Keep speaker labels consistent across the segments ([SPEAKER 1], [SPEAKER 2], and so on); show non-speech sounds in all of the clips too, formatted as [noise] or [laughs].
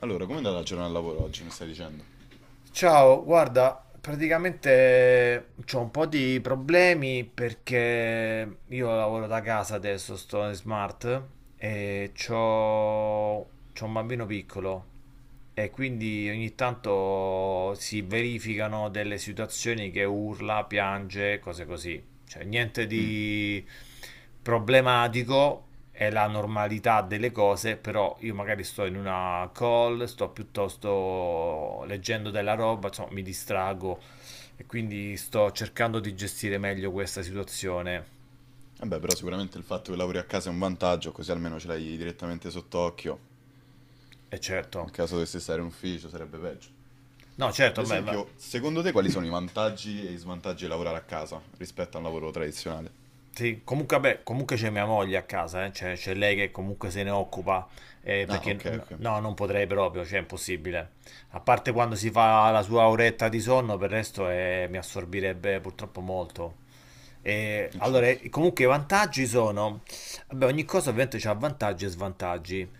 [SPEAKER 1] Allora, com'è andata la giornata al lavoro oggi, mi stai dicendo?
[SPEAKER 2] Ciao, guarda, praticamente ho un po' di problemi perché io lavoro da casa adesso, sto in smart e c'ho un bambino piccolo e quindi ogni tanto si verificano delle situazioni che urla, piange, cose così. Cioè, niente di problematico, è la normalità delle cose, però io magari sto in una call, sto piuttosto leggendo della roba, insomma, mi distrago e quindi sto cercando di gestire meglio questa situazione.
[SPEAKER 1] Vabbè, però sicuramente il fatto che lavori a casa è un vantaggio, così almeno ce l'hai direttamente sott'occhio.
[SPEAKER 2] E certo,
[SPEAKER 1] In caso dovessi stare in ufficio sarebbe peggio.
[SPEAKER 2] no,
[SPEAKER 1] Ad
[SPEAKER 2] certo.
[SPEAKER 1] esempio, secondo te quali sono i vantaggi e i svantaggi di lavorare a casa rispetto a un lavoro tradizionale?
[SPEAKER 2] Sì, comunque, vabbè, comunque c'è mia moglie a casa, cioè, c'è lei che comunque se ne occupa,
[SPEAKER 1] Ah,
[SPEAKER 2] perché
[SPEAKER 1] ok, ok.
[SPEAKER 2] no, non potrei proprio, cioè è impossibile. A parte quando si fa la sua oretta di sonno, per il resto mi assorbirebbe purtroppo molto. E, allora,
[SPEAKER 1] Certo.
[SPEAKER 2] comunque i vantaggi sono, vabbè, ogni cosa ovviamente ha vantaggi e svantaggi,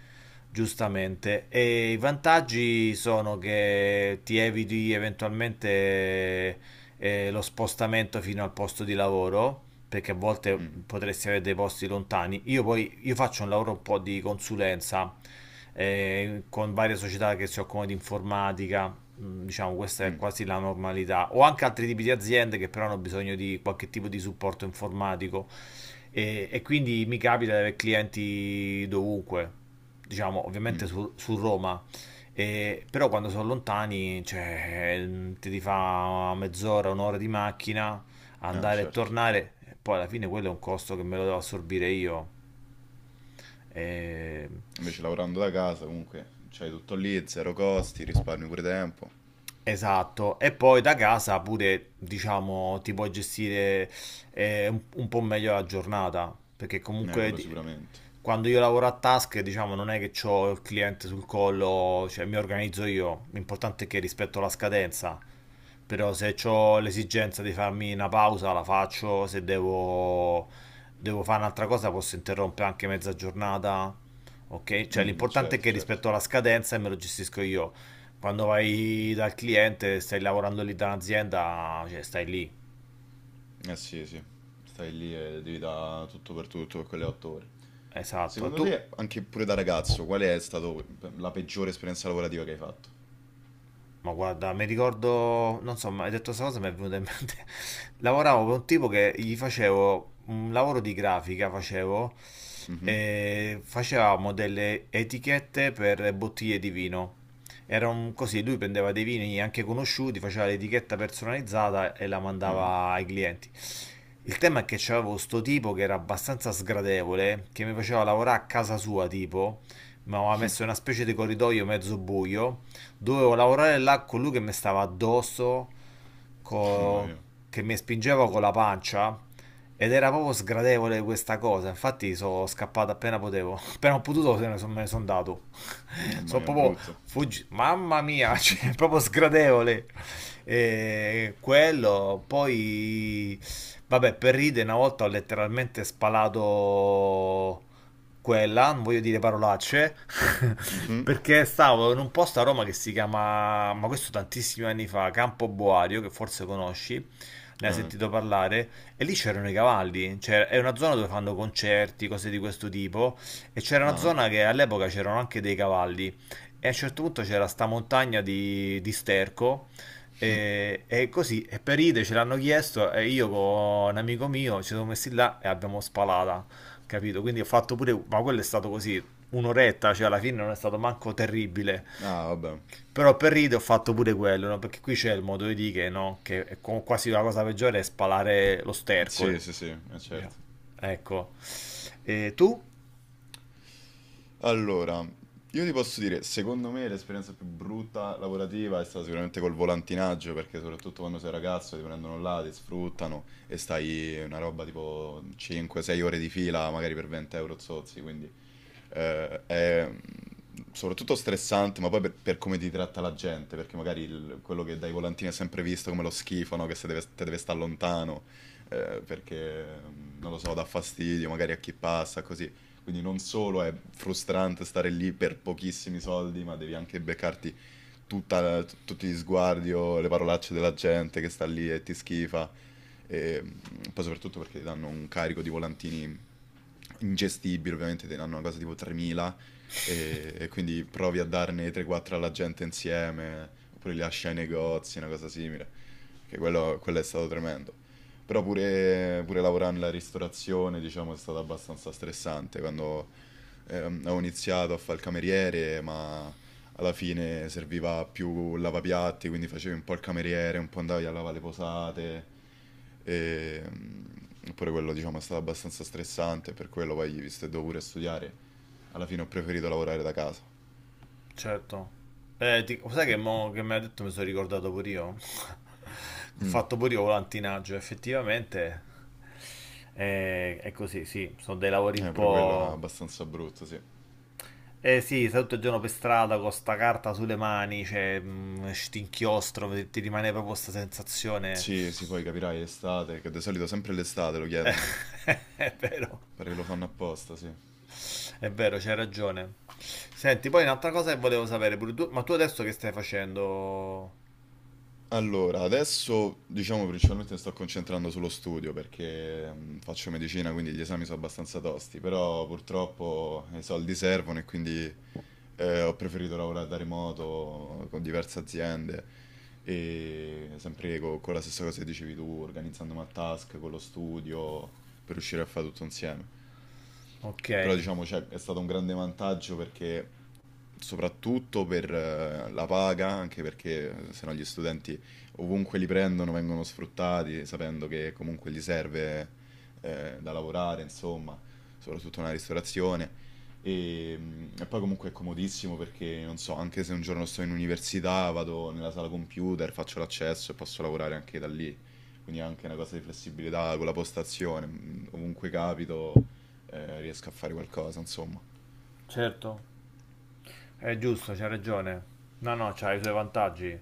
[SPEAKER 2] giustamente. E i vantaggi sono che ti eviti eventualmente lo spostamento fino al posto di lavoro, perché a volte
[SPEAKER 1] Mm.
[SPEAKER 2] potresti avere dei posti lontani. Io poi io faccio un lavoro un po' di consulenza con varie società che si occupano di informatica, diciamo questa è
[SPEAKER 1] Mm.
[SPEAKER 2] quasi la normalità, o anche altri tipi di aziende che però hanno bisogno di qualche tipo di supporto informatico e quindi mi capita di avere clienti dovunque, diciamo ovviamente
[SPEAKER 1] Mm.
[SPEAKER 2] su, Roma. Però quando sono lontani, cioè, ti fa mezz'ora, un'ora di macchina,
[SPEAKER 1] Ah,
[SPEAKER 2] andare e
[SPEAKER 1] certo.
[SPEAKER 2] tornare, e poi alla fine quello è un costo che me lo devo assorbire io. E-
[SPEAKER 1] Invece lavorando da casa comunque c'hai tutto lì, zero costi, risparmi pure tempo.
[SPEAKER 2] Esatto, e poi da casa pure, diciamo, ti puoi gestire un po' meglio la giornata, perché comunque
[SPEAKER 1] Quello sicuramente.
[SPEAKER 2] quando io lavoro a task, diciamo, non è che ho il cliente sul collo, cioè mi organizzo io, l'importante è che rispetto la scadenza, però se ho l'esigenza di farmi una pausa la faccio, se devo, devo fare un'altra cosa posso interrompere anche mezza giornata, ok? Cioè
[SPEAKER 1] Mm,
[SPEAKER 2] l'importante è
[SPEAKER 1] certo,
[SPEAKER 2] che
[SPEAKER 1] certo.
[SPEAKER 2] rispetto alla scadenza e me lo gestisco io. Quando vai dal cliente, stai lavorando lì da un'azienda, cioè stai lì.
[SPEAKER 1] Eh sì, sì, stai lì e devi dare tutto per quelle otto ore.
[SPEAKER 2] Esatto. E
[SPEAKER 1] Secondo
[SPEAKER 2] tu?
[SPEAKER 1] te, anche pure da ragazzo, qual è stata la peggiore esperienza lavorativa che hai fatto?
[SPEAKER 2] Ma guarda, mi ricordo, non so, ma hai detto questa cosa, mi è venuta in mente. [laughs] Lavoravo per un tipo che gli facevo un lavoro di grafica, facevo,
[SPEAKER 1] Mhm.
[SPEAKER 2] e facevamo delle etichette per bottiglie di vino. Era un così, lui prendeva dei vini anche conosciuti, faceva l'etichetta personalizzata e la
[SPEAKER 1] Eh.
[SPEAKER 2] mandava ai clienti. Il tema è che c'avevo sto tipo che era abbastanza sgradevole, che mi faceva lavorare a casa sua, tipo, mi aveva messo in una specie di corridoio mezzo buio, dovevo lavorare là con lui che mi stava addosso,
[SPEAKER 1] Mamma
[SPEAKER 2] co-
[SPEAKER 1] mia,
[SPEAKER 2] che mi spingeva con la pancia, ed era proprio sgradevole questa cosa. Infatti sono scappato appena potevo, [laughs] appena ho potuto se ne son- me ne sono andato. [laughs]
[SPEAKER 1] mamma
[SPEAKER 2] Sono
[SPEAKER 1] mia,
[SPEAKER 2] proprio
[SPEAKER 1] brutto.
[SPEAKER 2] fuggito, mamma mia, [laughs] cioè, è proprio sgradevole. E quello, poi, vabbè, per ride una volta ho letteralmente spalato quella, non voglio dire parolacce, [laughs]
[SPEAKER 1] Mhm.
[SPEAKER 2] perché stavo in un posto a Roma che si chiama, ma questo tantissimi anni fa, Campo Boario, che forse conosci, ne hai
[SPEAKER 1] Eh.
[SPEAKER 2] sentito parlare, e lì c'erano i cavalli, cioè è una zona dove fanno concerti, cose di questo tipo, e c'era una
[SPEAKER 1] Ah.
[SPEAKER 2] zona che all'epoca c'erano anche dei cavalli, e a un certo punto c'era sta montagna di sterco, e così, e per ide ce l'hanno chiesto, e io con un amico mio ci siamo messi là e abbiamo spalata, capito? Quindi ho fatto pure, ma quello è stato così, un'oretta, cioè alla fine non è stato manco terribile,
[SPEAKER 1] Ah, vabbè.
[SPEAKER 2] però per ride ho fatto pure quello, no? Perché qui c'è il modo di dire, no? Che è quasi la cosa peggiore è spalare lo sterco,
[SPEAKER 1] Sì, sì, sì, è
[SPEAKER 2] diciamo.
[SPEAKER 1] certo.
[SPEAKER 2] Ecco. E tu?
[SPEAKER 1] Allora, io ti posso dire, secondo me l'esperienza più brutta lavorativa è stata sicuramente col volantinaggio, perché soprattutto quando sei ragazzo ti prendono là, ti sfruttano e stai una roba tipo 5-6 ore di fila, magari per 20 euro zozzi, quindi eh, è mm, soprattutto stressante, ma poi per come ti tratta la gente, perché magari quello che dai volantini è sempre visto come lo schifo, no? Che se deve, te deve stare lontano, perché, non lo so, dà fastidio magari a chi passa, così. Quindi non solo è frustrante stare lì per pochissimi soldi, ma devi anche beccarti tutti gli sguardi o le parolacce della gente che sta lì e ti schifa. E mm, Poi soprattutto perché ti danno un carico di volantini ingestibile, ovviamente te ne hanno una cosa tipo 3.000 e quindi
[SPEAKER 2] [laughs]
[SPEAKER 1] provi a darne 3-4 alla gente insieme, oppure li lasci ai negozi, una cosa simile, che quello è stato tremendo. Però pure lavorare nella ristorazione, diciamo, è stato abbastanza stressante quando ho iniziato a fare il cameriere, ma alla fine serviva più il lavapiatti, quindi facevi un po' il cameriere, un po' andavi a lavare le posate. E, mm, Oppure quello, diciamo, è stato abbastanza stressante, per quello poi, visto che dovevo pure studiare, alla fine ho preferito lavorare da casa.
[SPEAKER 2] Certo. Sai che, mo che mi ha detto mi sono ricordato pure io? [laughs] Ho
[SPEAKER 1] Mm.
[SPEAKER 2] fatto pure io volantinaggio, effettivamente è così, sì, sono dei lavori un
[SPEAKER 1] Pure quello è
[SPEAKER 2] po'...
[SPEAKER 1] abbastanza brutto, sì.
[SPEAKER 2] Eh sì, stai tutto il giorno per strada con sta carta sulle mani, cioè, stinchiostro, ti rimane proprio questa sensazione.
[SPEAKER 1] Sì, sì, poi capirai, estate, che di solito sempre l'estate lo chiedono.
[SPEAKER 2] [laughs] È vero,
[SPEAKER 1] Pare che lo fanno apposta, sì.
[SPEAKER 2] è vero, c'hai ragione. Senti, poi un'altra cosa che volevo sapere pure tu, ma tu adesso che stai facendo?
[SPEAKER 1] Allora, adesso diciamo principalmente mi sto concentrando sullo studio perché faccio medicina, quindi gli esami sono abbastanza tosti, però purtroppo i soldi servono e quindi ho preferito lavorare da remoto con diverse aziende e sempre con la stessa cosa che dicevi tu, organizzandomi a task con lo studio per riuscire a fare tutto insieme.
[SPEAKER 2] Ok,
[SPEAKER 1] Però diciamo cioè, è stato un grande vantaggio perché soprattutto per la paga, anche perché se no gli studenti ovunque li prendono vengono sfruttati, sapendo che comunque gli serve da lavorare, insomma, soprattutto nella ristorazione. E poi comunque è comodissimo perché, non so, anche se un giorno sto in università, vado nella sala computer, faccio l'accesso e posso lavorare anche da lì. Quindi è anche una cosa di flessibilità con la postazione, ovunque capito, riesco a fare qualcosa, insomma.
[SPEAKER 2] certo. È giusto, c'hai ragione. No, no, c'ha i suoi vantaggi. Il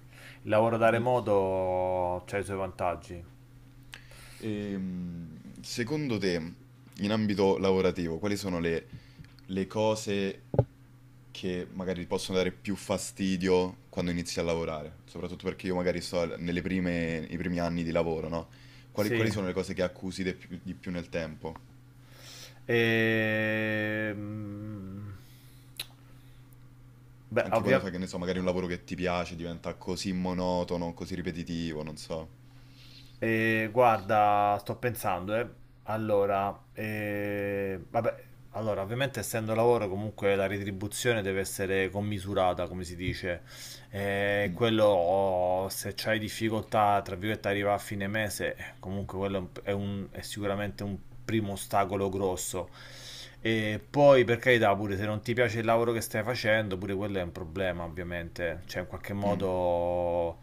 [SPEAKER 2] lavoro da remoto c'ha i suoi vantaggi.
[SPEAKER 1] Secondo te, in ambito lavorativo, quali sono le cose che magari ti possono dare più fastidio quando inizi a lavorare? Soprattutto perché io magari sto nelle prime, i primi anni di lavoro, no? Quali,
[SPEAKER 2] Sì.
[SPEAKER 1] quali sono le cose che accusi di più nel tempo?
[SPEAKER 2] Ehm, Beh,
[SPEAKER 1] Anche quando fai,
[SPEAKER 2] ovviamente,
[SPEAKER 1] che ne so, magari un lavoro che ti piace diventa così monotono, così ripetitivo, non so.
[SPEAKER 2] guarda, sto pensando, eh. Allora, vabbè, allora, ovviamente essendo lavoro comunque la retribuzione deve essere commisurata, come si dice. E
[SPEAKER 1] Mm,
[SPEAKER 2] quello, oh, se c'hai difficoltà, tra virgolette, arriva a fine mese, comunque quello è, è sicuramente un primo ostacolo grosso. E poi, per carità, pure se non ti piace il lavoro che stai facendo, pure quello è un problema, ovviamente. Cioè, in qualche
[SPEAKER 1] mm,
[SPEAKER 2] modo,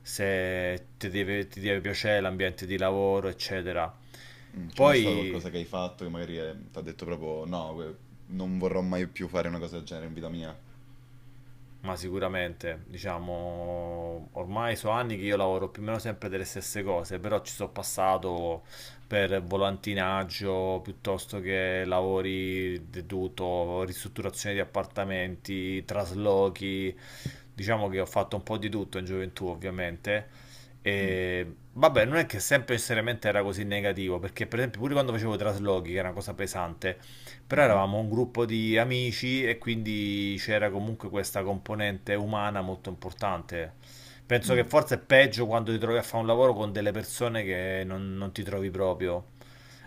[SPEAKER 2] se ti deve, ti deve piacere l'ambiente di lavoro, eccetera.
[SPEAKER 1] mm. C'è mai stato
[SPEAKER 2] Poi,
[SPEAKER 1] qualcosa che hai fatto che magari ti ha detto proprio no, non vorrò mai più fare una cosa del genere in vita mia?
[SPEAKER 2] Ma sicuramente, diciamo, ormai sono anni che io lavoro più o meno sempre delle stesse cose, però ci sono passato per volantinaggio piuttosto che lavori deduto, ristrutturazione di appartamenti, traslochi, diciamo che ho fatto un po' di tutto in gioventù, ovviamente.
[SPEAKER 1] Mm,
[SPEAKER 2] E vabbè, non è che sempre necessariamente era così negativo, perché per esempio pure quando facevo traslochi, che era una cosa pesante, però
[SPEAKER 1] mhm,
[SPEAKER 2] eravamo un gruppo di amici e quindi c'era comunque questa componente umana molto importante. Penso che
[SPEAKER 1] mm.
[SPEAKER 2] forse è peggio quando ti trovi a fare un lavoro con delle persone che non ti trovi proprio.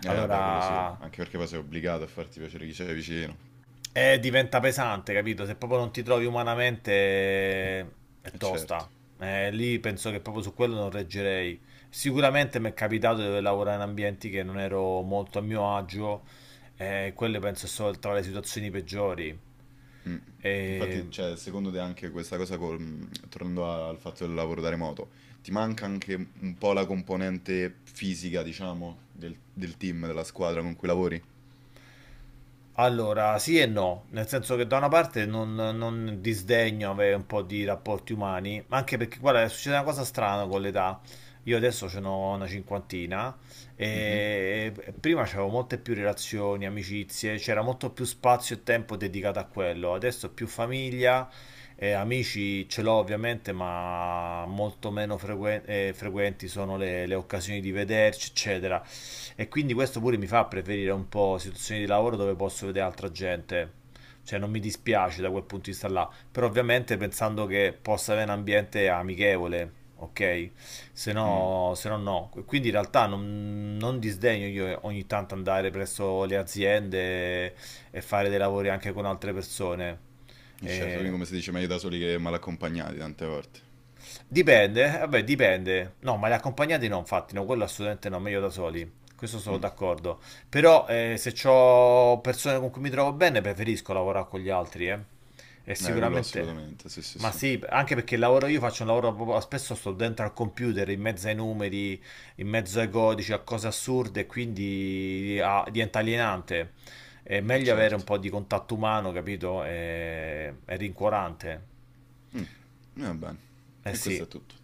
[SPEAKER 1] Eh vabbè, quello sì,
[SPEAKER 2] Allora,
[SPEAKER 1] anche perché poi sei obbligato a farti piacere chi c'è vicino,
[SPEAKER 2] diventa pesante, capito? Se proprio non ti trovi umanamente, eh, è
[SPEAKER 1] e certo.
[SPEAKER 2] tosta. Lì penso che proprio su quello non reggerei. Sicuramente mi è capitato di lavorare in ambienti che non ero molto a mio agio, quelle penso sono tra le situazioni peggiori.
[SPEAKER 1] Mm.
[SPEAKER 2] Eh,
[SPEAKER 1] Infatti, cioè, secondo te anche questa cosa, tornando al fatto del lavoro da remoto, ti manca anche un po' la componente fisica, diciamo, del team, della squadra con cui lavori?
[SPEAKER 2] Allora, sì e no, nel senso che da una parte non disdegno avere un po' di rapporti umani, ma anche perché guarda, succede una cosa strana con l'età. Io adesso ce n'ho una cinquantina
[SPEAKER 1] Mhm.
[SPEAKER 2] e prima c'avevo molte più relazioni, amicizie, c'era molto più spazio e tempo dedicato a quello. Adesso più famiglia, e amici ce l'ho ovviamente, ma molto meno frequenti sono le occasioni di vederci, eccetera. E quindi questo pure mi fa preferire un po' situazioni di lavoro dove posso vedere altra gente. Cioè non mi dispiace da quel punto di vista là, però ovviamente pensando che possa avere un ambiente amichevole, ok? Se
[SPEAKER 1] Mm.
[SPEAKER 2] no, se no no. Quindi in realtà non disdegno io ogni tanto andare presso le aziende e fare dei lavori anche con altre persone.
[SPEAKER 1] E certo, quindi
[SPEAKER 2] Eh,
[SPEAKER 1] come si dice, meglio da soli che mal accompagnati tante volte.
[SPEAKER 2] Dipende, vabbè, dipende. No, ma le accompagnate no, infatti, no, quello assolutamente no, meglio da soli. Questo sono d'accordo. Però, se ho persone con cui mi trovo bene, preferisco lavorare con gli altri, eh. E
[SPEAKER 1] Quello
[SPEAKER 2] sicuramente...
[SPEAKER 1] assolutamente, sì, sì,
[SPEAKER 2] Ma
[SPEAKER 1] sì,
[SPEAKER 2] sì, anche perché il lavoro, io faccio un lavoro proprio, spesso sto dentro al computer, in mezzo ai numeri, in mezzo ai codici, a cose assurde, e quindi diventa alienante. È meglio avere un
[SPEAKER 1] certo.
[SPEAKER 2] po' di contatto umano, capito? È rincuorante.
[SPEAKER 1] E va bene,
[SPEAKER 2] Eh
[SPEAKER 1] e questo
[SPEAKER 2] sì.
[SPEAKER 1] è tutto.